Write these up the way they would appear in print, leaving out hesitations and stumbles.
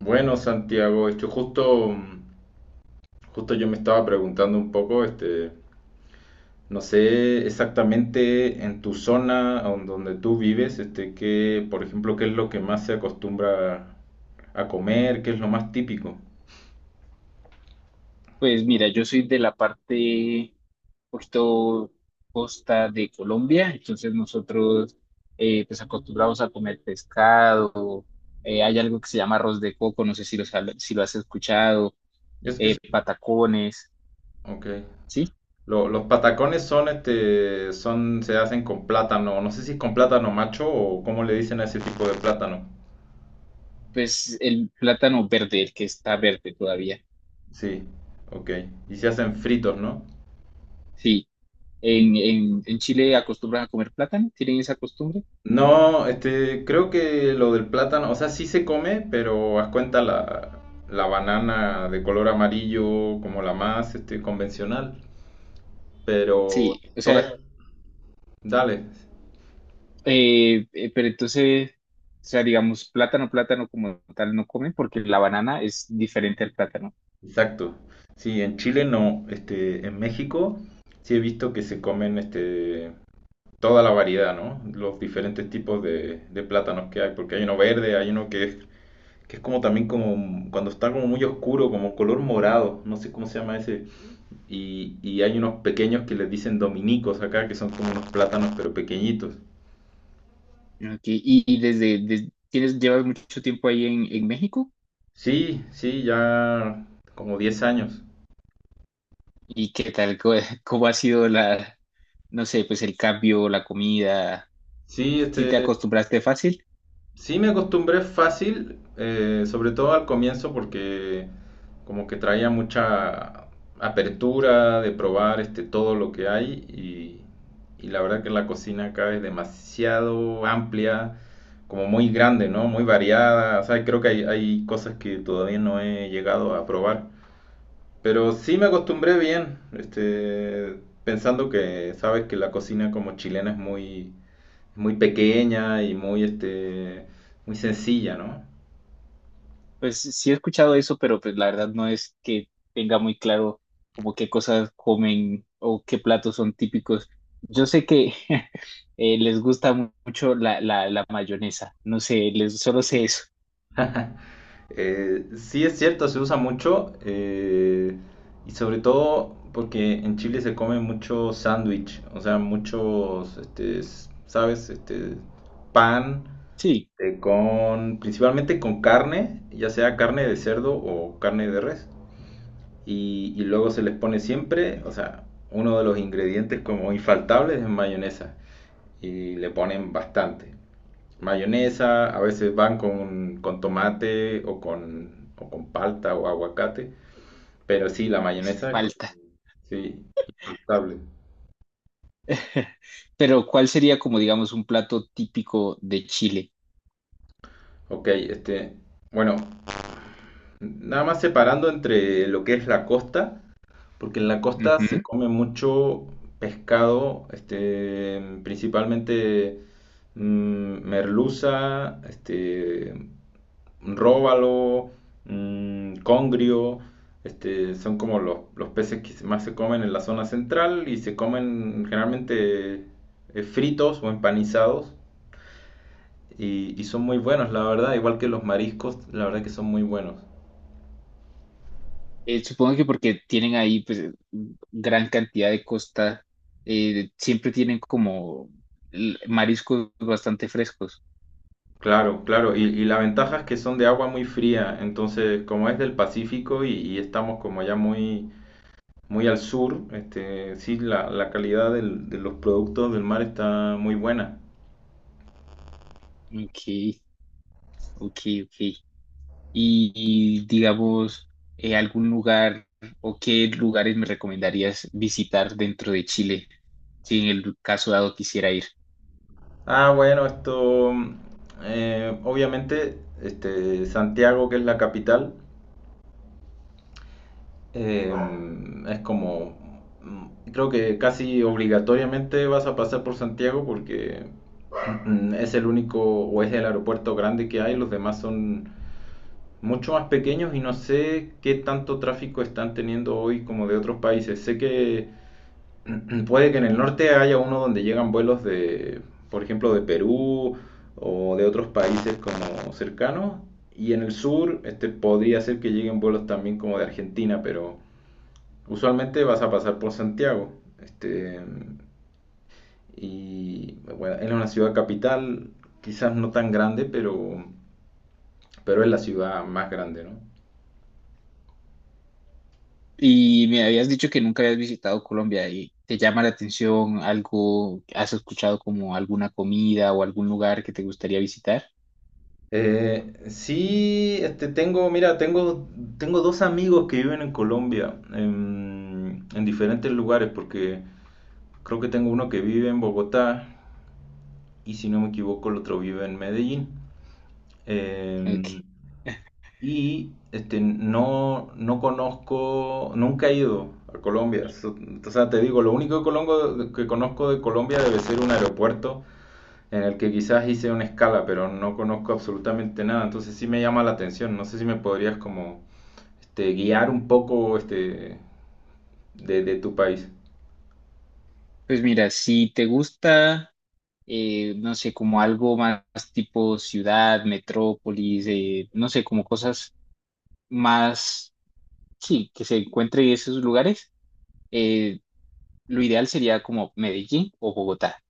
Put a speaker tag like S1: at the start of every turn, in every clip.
S1: Bueno, Santiago, justo, yo me estaba preguntando un poco, no sé exactamente en tu zona donde tú vives, qué, por ejemplo, qué es lo que más se acostumbra a comer, qué es lo más típico.
S2: Pues mira, yo soy de la parte poquito costa de Colombia. Entonces nosotros pues acostumbramos a comer pescado. Hay algo que se llama arroz de coco, no sé si si lo has escuchado,
S1: Es, es,
S2: patacones,
S1: ok.
S2: ¿sí?
S1: Los patacones son, se hacen con plátano, no sé si es con plátano macho o cómo le dicen a ese tipo de plátano.
S2: Pues el plátano verde, el que está verde todavía,
S1: Sí, ok. Y se hacen fritos, ¿no?
S2: sí. En Chile acostumbran a comer plátano, ¿tienen esa costumbre?
S1: No, creo que lo del plátano, o sea, sí se come, pero haz cuenta la banana de color amarillo, como la más, convencional. Pero
S2: Sí, o sea,
S1: dale,
S2: Pero entonces, o sea, digamos, plátano, plátano como tal no comen porque la banana es diferente al plátano.
S1: exacto. Sí, en Chile no, en México sí he visto que se comen, toda la variedad, ¿no? Los diferentes tipos de plátanos que hay, porque hay uno verde, hay uno que es como también como, cuando está como muy oscuro, como color morado, no sé cómo se llama ese. Y hay unos pequeños que les dicen dominicos acá, que son como unos plátanos pero pequeñitos.
S2: Ok. ¿Y llevas mucho tiempo ahí en México?
S1: Sí, sí, ya como 10 años.
S2: ¿Y qué tal? ¿Cómo, cómo ha sido no sé, pues el cambio, la comida?
S1: Sí,
S2: ¿Sí te acostumbraste fácil?
S1: sí me acostumbré fácil, sobre todo al comienzo porque como que traía mucha apertura de probar todo lo que hay y la verdad que la cocina acá es demasiado amplia, como muy grande, ¿no? Muy variada, o sea, creo que hay cosas que todavía no he llegado a probar. Pero sí me acostumbré bien, pensando que sabes que la cocina como chilena es muy, muy pequeña y muy sencilla, ¿no?
S2: Pues sí he escuchado eso, pero pues la verdad no es que tenga muy claro como qué cosas comen o qué platos son típicos. Yo sé que les gusta mucho la mayonesa, no sé, solo sé eso.
S1: Sí es cierto, se usa mucho, y sobre todo porque en Chile se come mucho sándwich, o sea, muchos, ¿sabes? Pan
S2: Sí,
S1: principalmente con carne, ya sea carne de cerdo o carne de res. Y luego se les pone siempre, o sea, uno de los ingredientes como infaltables es mayonesa. Y le ponen bastante. Mayonesa, a veces van con tomate o con palta o aguacate. Pero sí, la
S2: pues,
S1: mayonesa
S2: falta.
S1: sí, infaltable.
S2: Pero ¿cuál sería como digamos un plato típico de Chile?
S1: Ok, bueno, nada más separando entre lo que es la costa, porque en la costa se
S2: Ujú.
S1: come mucho pescado, principalmente, merluza, róbalo, congrio, son como los peces que más se comen en la zona central y se comen generalmente fritos o empanizados, y son muy buenos, la verdad, igual que los mariscos, la verdad que son muy buenos.
S2: Supongo que porque tienen ahí pues gran cantidad de costa, siempre tienen como mariscos bastante frescos.
S1: Claro, claro. Y la ventaja es que son de agua muy fría. Entonces, como es del Pacífico y estamos como ya muy, muy al sur, sí, la calidad de los productos del mar está muy buena.
S2: Ok, ok, ok. ¿Y, digamos, algún lugar o qué lugares me recomendarías visitar dentro de Chile, si en el caso dado quisiera ir?
S1: Ah, bueno, obviamente, Santiago, que es la capital, eh, es como, creo que casi obligatoriamente vas a pasar por Santiago porque, es el único o es el aeropuerto grande que hay, los demás son mucho más pequeños y no sé qué tanto tráfico están teniendo hoy como de otros países. Sé que puede que en el norte haya uno donde llegan vuelos de, por ejemplo, de Perú o de otros países como cercanos, y en el sur, podría ser que lleguen vuelos también como de Argentina, pero usualmente vas a pasar por Santiago. Este, y bueno, es una ciudad capital, quizás no tan grande, pero es la ciudad más grande, ¿no?
S2: ¿Y me habías dicho que nunca habías visitado Colombia y te llama la atención algo? ¿Has escuchado como alguna comida o algún lugar que te gustaría visitar?
S1: Sí, tengo, mira, tengo dos amigos que viven en Colombia, en diferentes lugares, porque creo que tengo uno que vive en Bogotá y si no me equivoco el otro vive en Medellín. Eh,
S2: Ok.
S1: y no, no conozco, nunca he ido a Colombia. O sea, te digo, lo único que, que conozco de Colombia debe ser un aeropuerto en el que quizás hice una escala, pero no conozco absolutamente nada, entonces sí me llama la atención, no sé si me podrías como, guiar un poco, de tu país.
S2: Pues mira, si te gusta, no sé, como algo más tipo ciudad, metrópolis, no sé, como cosas más, sí, que se encuentre en esos lugares, eh, lo ideal sería como Medellín o Bogotá.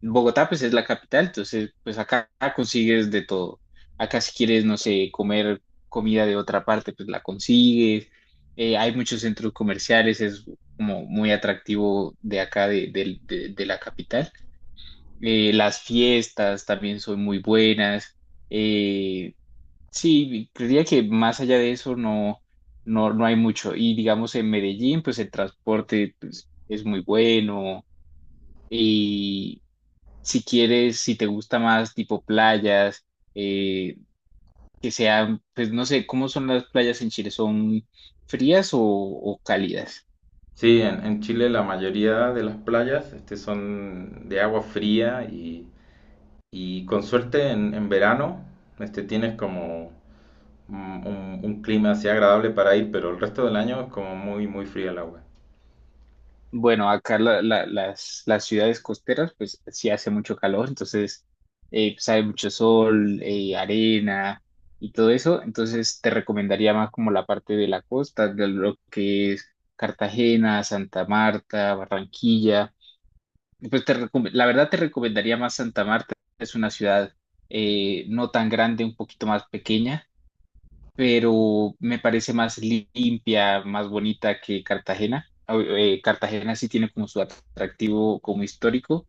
S2: Bogotá pues es la capital, entonces pues acá consigues de todo. Acá si quieres, no sé, comer comida de otra parte, pues la consigues. Hay muchos centros comerciales, es como muy atractivo de acá, de la capital. Las fiestas también son muy buenas. Eh, Sí, creería que más allá de eso no, no, no hay mucho. Y digamos en Medellín, pues el transporte pues, es muy bueno. Y si quieres, si te gusta más tipo playas, eh, que sean, pues no sé. ¿Cómo son las playas en Chile? ¿Son frías o cálidas?
S1: Sí, en Chile la mayoría de las playas, son de agua fría, y con suerte en verano, tienes como un clima así agradable para ir, pero el resto del año es como muy, muy fría el agua.
S2: Bueno, acá las ciudades costeras, pues sí hace mucho calor, entonces pues, hay mucho sol, arena y todo eso. Entonces te recomendaría más como la parte de la costa, de lo que es Cartagena, Santa Marta, Barranquilla. Pues la verdad te recomendaría más Santa Marta. Es una ciudad no tan grande, un poquito más pequeña, pero me parece más limpia, más bonita que Cartagena. Cartagena sí tiene como su atractivo como histórico.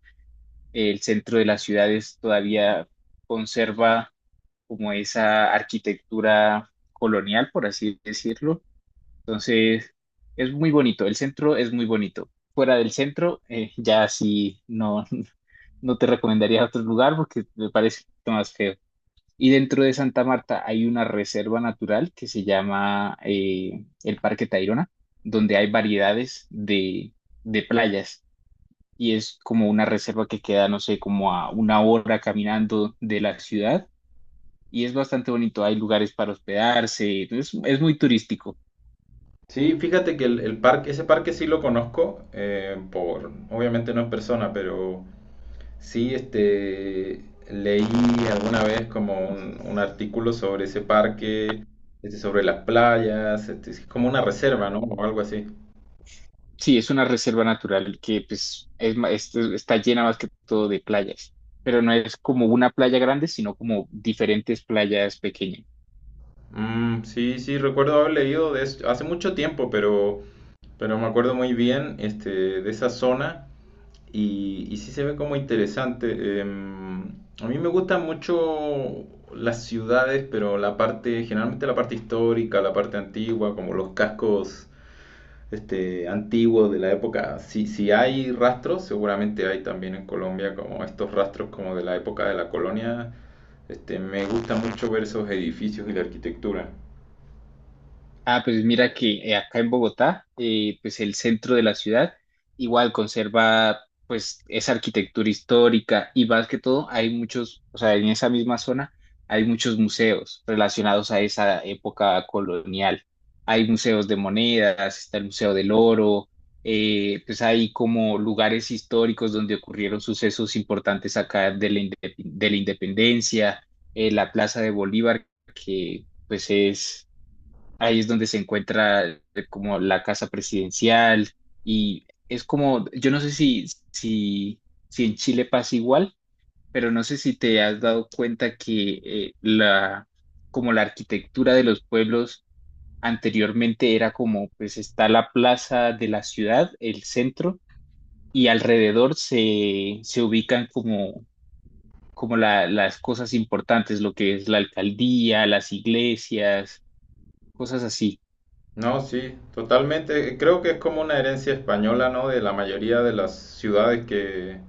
S2: El centro de las ciudades todavía conserva como esa arquitectura colonial, por así decirlo. Entonces, es muy bonito. El centro es muy bonito. Fuera del centro, ya sí no, no te recomendaría otro lugar porque me parece más feo. Y dentro de Santa Marta hay una reserva natural que se llama el Parque Tayrona, donde hay variedades de playas, y es como una reserva que queda, no sé, como a una hora caminando de la ciudad, y es bastante bonito. Hay lugares para hospedarse, es muy turístico.
S1: Sí, fíjate que el parque, ese parque sí lo conozco, obviamente no en persona, pero sí, leí alguna vez como un artículo sobre ese parque, sobre las playas, es como una reserva, ¿no? O algo así.
S2: Sí, es una reserva natural que pues está llena más que todo de playas, pero no es como una playa grande, sino como diferentes playas pequeñas.
S1: Mm, sí, sí, recuerdo haber leído de eso hace mucho tiempo, pero me acuerdo muy bien, de esa zona, y sí se ve como interesante. A mí me gustan mucho las ciudades, pero la parte, generalmente la parte histórica, la parte antigua, como los cascos, antiguos de la época, si hay rastros, seguramente hay también en Colombia como estos rastros como de la época de la colonia. Me gusta mucho ver esos edificios y la arquitectura.
S2: Ah, pues mira que acá en Bogotá, pues el centro de la ciudad igual conserva pues esa arquitectura histórica, y más que todo hay muchos, o sea, en esa misma zona hay muchos museos relacionados a esa época colonial. Hay museos de monedas, está el Museo del Oro. Pues hay como lugares históricos donde ocurrieron sucesos importantes acá de de la independencia. La Plaza de Bolívar, que pues es ahí es donde se encuentra como la casa presidencial. Y es como, yo no sé si, si, si en Chile pasa igual, pero no sé si te has dado cuenta que como la arquitectura de los pueblos anteriormente era como, pues está la plaza de la ciudad, el centro, y alrededor se ubican como, como las cosas importantes, lo que es la alcaldía, las iglesias, cosas así.
S1: No, sí, totalmente, creo que es como una herencia española, ¿no? De la mayoría de las ciudades que,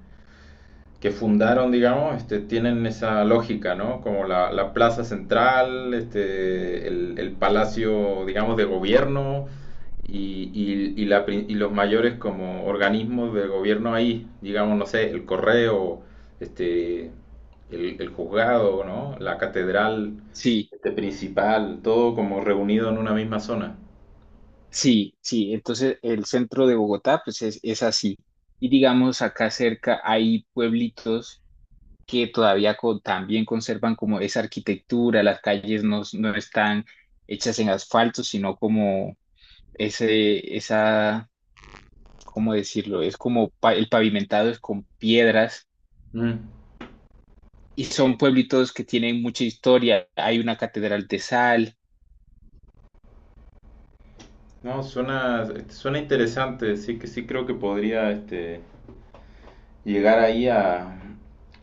S1: que fundaron, digamos, tienen esa lógica, ¿no? Como la plaza central, el palacio, digamos, de gobierno, y los mayores como organismos de gobierno ahí, digamos, no sé, el correo, este, el juzgado, ¿no? La catedral,
S2: Sí.
S1: principal, todo como reunido en una misma zona.
S2: Sí, sí. Entonces el centro de Bogotá pues es así. Y digamos acá cerca hay pueblitos que todavía también conservan como esa arquitectura. Las calles no están hechas en asfalto, sino como ese, esa, ¿cómo decirlo? Es como el pavimentado es con piedras,
S1: Mm.
S2: y son
S1: Sí,
S2: pueblitos que tienen mucha historia. Hay una catedral de sal.
S1: no, suena interesante, sí que sí creo que podría, llegar ahí a,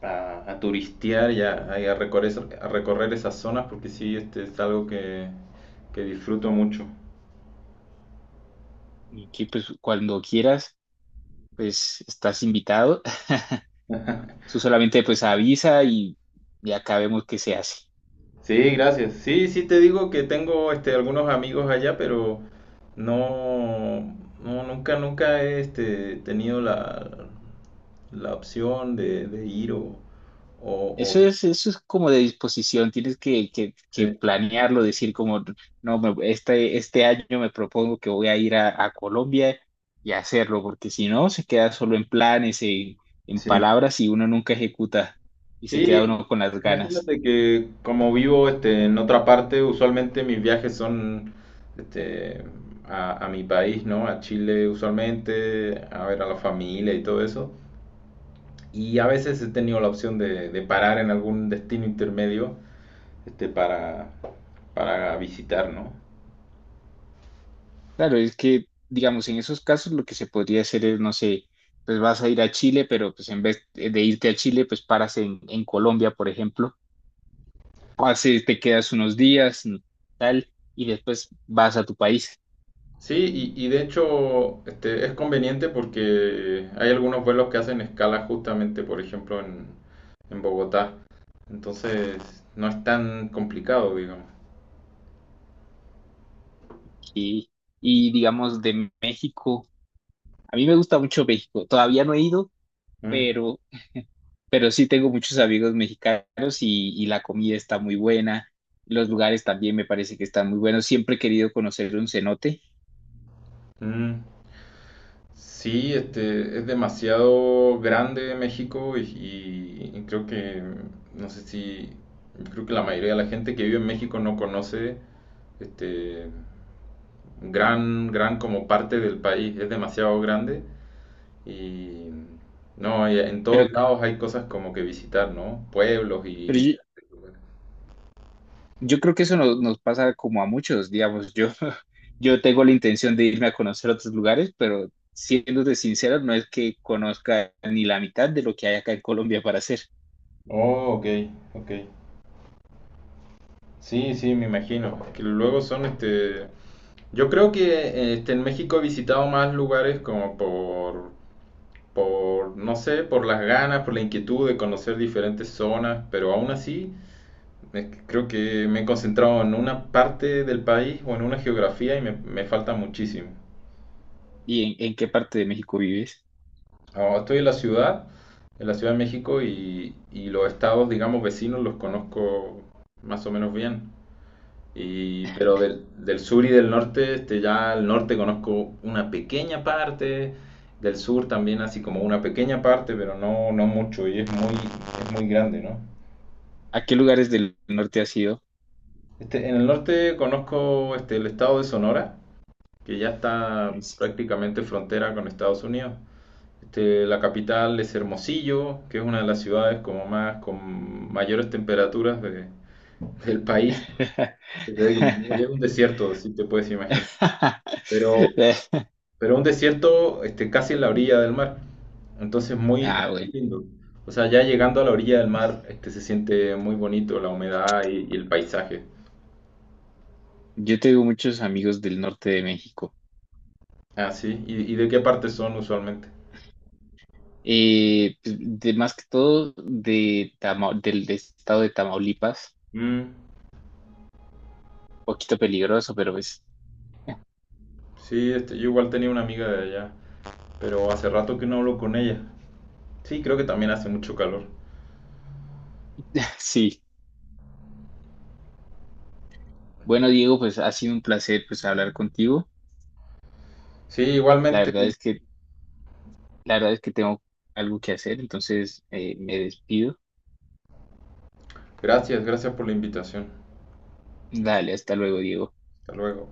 S1: a, a turistear y a recorrer, a recorrer, esas zonas porque sí, este es algo que disfruto mucho.
S2: Y que pues cuando quieras, pues estás invitado. Tú solamente pues avisa, y ya acá vemos qué se hace.
S1: Sí, gracias. Sí, sí te digo que tengo algunos amigos allá, pero no, no nunca he, tenido la opción de ir. O, o-
S2: Eso es como de disposición. Tienes que, que
S1: Sí,
S2: planearlo, decir como: no, este año me propongo que voy a ir a Colombia, y hacerlo, porque si no, se queda solo en planes, en
S1: sí.
S2: palabras, y uno nunca ejecuta y se queda
S1: Sí,
S2: uno con las ganas.
S1: imagínate que como vivo, en otra parte, usualmente mis viajes son, este, a mi país, ¿no? A Chile usualmente, a ver a la familia y todo eso. Y a veces he tenido la opción de parar en algún destino intermedio, este, para, para visitar, ¿no?
S2: Claro, es que, digamos, en esos casos lo que se podría hacer es, no sé, pues vas a ir a Chile, pero pues en vez de irte a Chile, pues paras en Colombia, por ejemplo. Así te quedas unos días, tal, y después vas a tu país.
S1: Sí, y de hecho, es conveniente porque hay algunos vuelos que hacen escala justamente, por ejemplo, en Bogotá. Entonces, no es tan complicado, digamos.
S2: Y, y digamos de México, a mí me gusta mucho México. Todavía no he ido,
S1: Mm,
S2: pero, pero sí tengo muchos amigos mexicanos, y la comida está muy buena. Los lugares también me parece que están muy buenos. Siempre he querido conocer un cenote,
S1: mm. Sí, es demasiado grande México, y creo que, no sé si, creo que la mayoría de la gente que vive en México no conoce este gran como parte del país. Es demasiado grande. Y no, y en
S2: pero,
S1: todos lados hay cosas como que visitar, ¿no? Pueblos y
S2: pero yo,
S1: diferentes lugares.
S2: Yo creo que eso nos pasa como a muchos, digamos, yo, yo tengo la intención de irme a conocer otros lugares, pero siéndote sincero, no es que conozca ni la mitad de lo que hay acá en Colombia para hacer.
S1: Oh, ok, ok. Sí, sí, me imagino. Que luego son. Yo creo que, en México he visitado más lugares como no sé, por las ganas, por la inquietud de conocer diferentes zonas, pero aún así creo que me he concentrado en una parte del país o en una geografía, y me falta muchísimo.
S2: ¿Y en qué parte de México vives?
S1: Ahora estoy en la Ciudad de México, y los estados, digamos, vecinos los conozco más o menos bien. Pero del sur y del norte, ya al norte conozco una pequeña parte, del sur también así como una pequeña parte, pero no, no mucho y es muy grande, ¿no?
S2: ¿A qué lugares del norte has ido?
S1: En el norte conozco, el estado de Sonora, que ya está
S2: Es-
S1: prácticamente frontera con Estados Unidos. La capital es Hermosillo, que es una de las ciudades como más con mayores temperaturas del país. Es un desierto, si te puedes imaginar. Pero, pero un desierto, casi en la orilla del mar. Entonces muy,
S2: Ah,
S1: muy
S2: bueno,
S1: lindo. O sea, ya llegando a la orilla del mar, se siente muy bonito la humedad, y el paisaje.
S2: yo tengo muchos amigos del norte de México.
S1: Ah, sí. ¿Y de qué parte son usualmente?
S2: Pues, de más que todo de del estado de Tamaulipas,
S1: Mm,
S2: poquito peligroso, pero pues.
S1: sí, yo igual tenía una amiga de allá, pero hace rato que no hablo con ella. Sí, creo que también hace mucho calor.
S2: Sí, bueno Diego, pues ha sido un placer pues hablar contigo.
S1: Sí,
S2: La
S1: igualmente.
S2: verdad es que la verdad es que tengo algo que hacer, entonces me despido.
S1: Gracias, gracias por la invitación.
S2: Dale, hasta luego Diego.
S1: Hasta luego.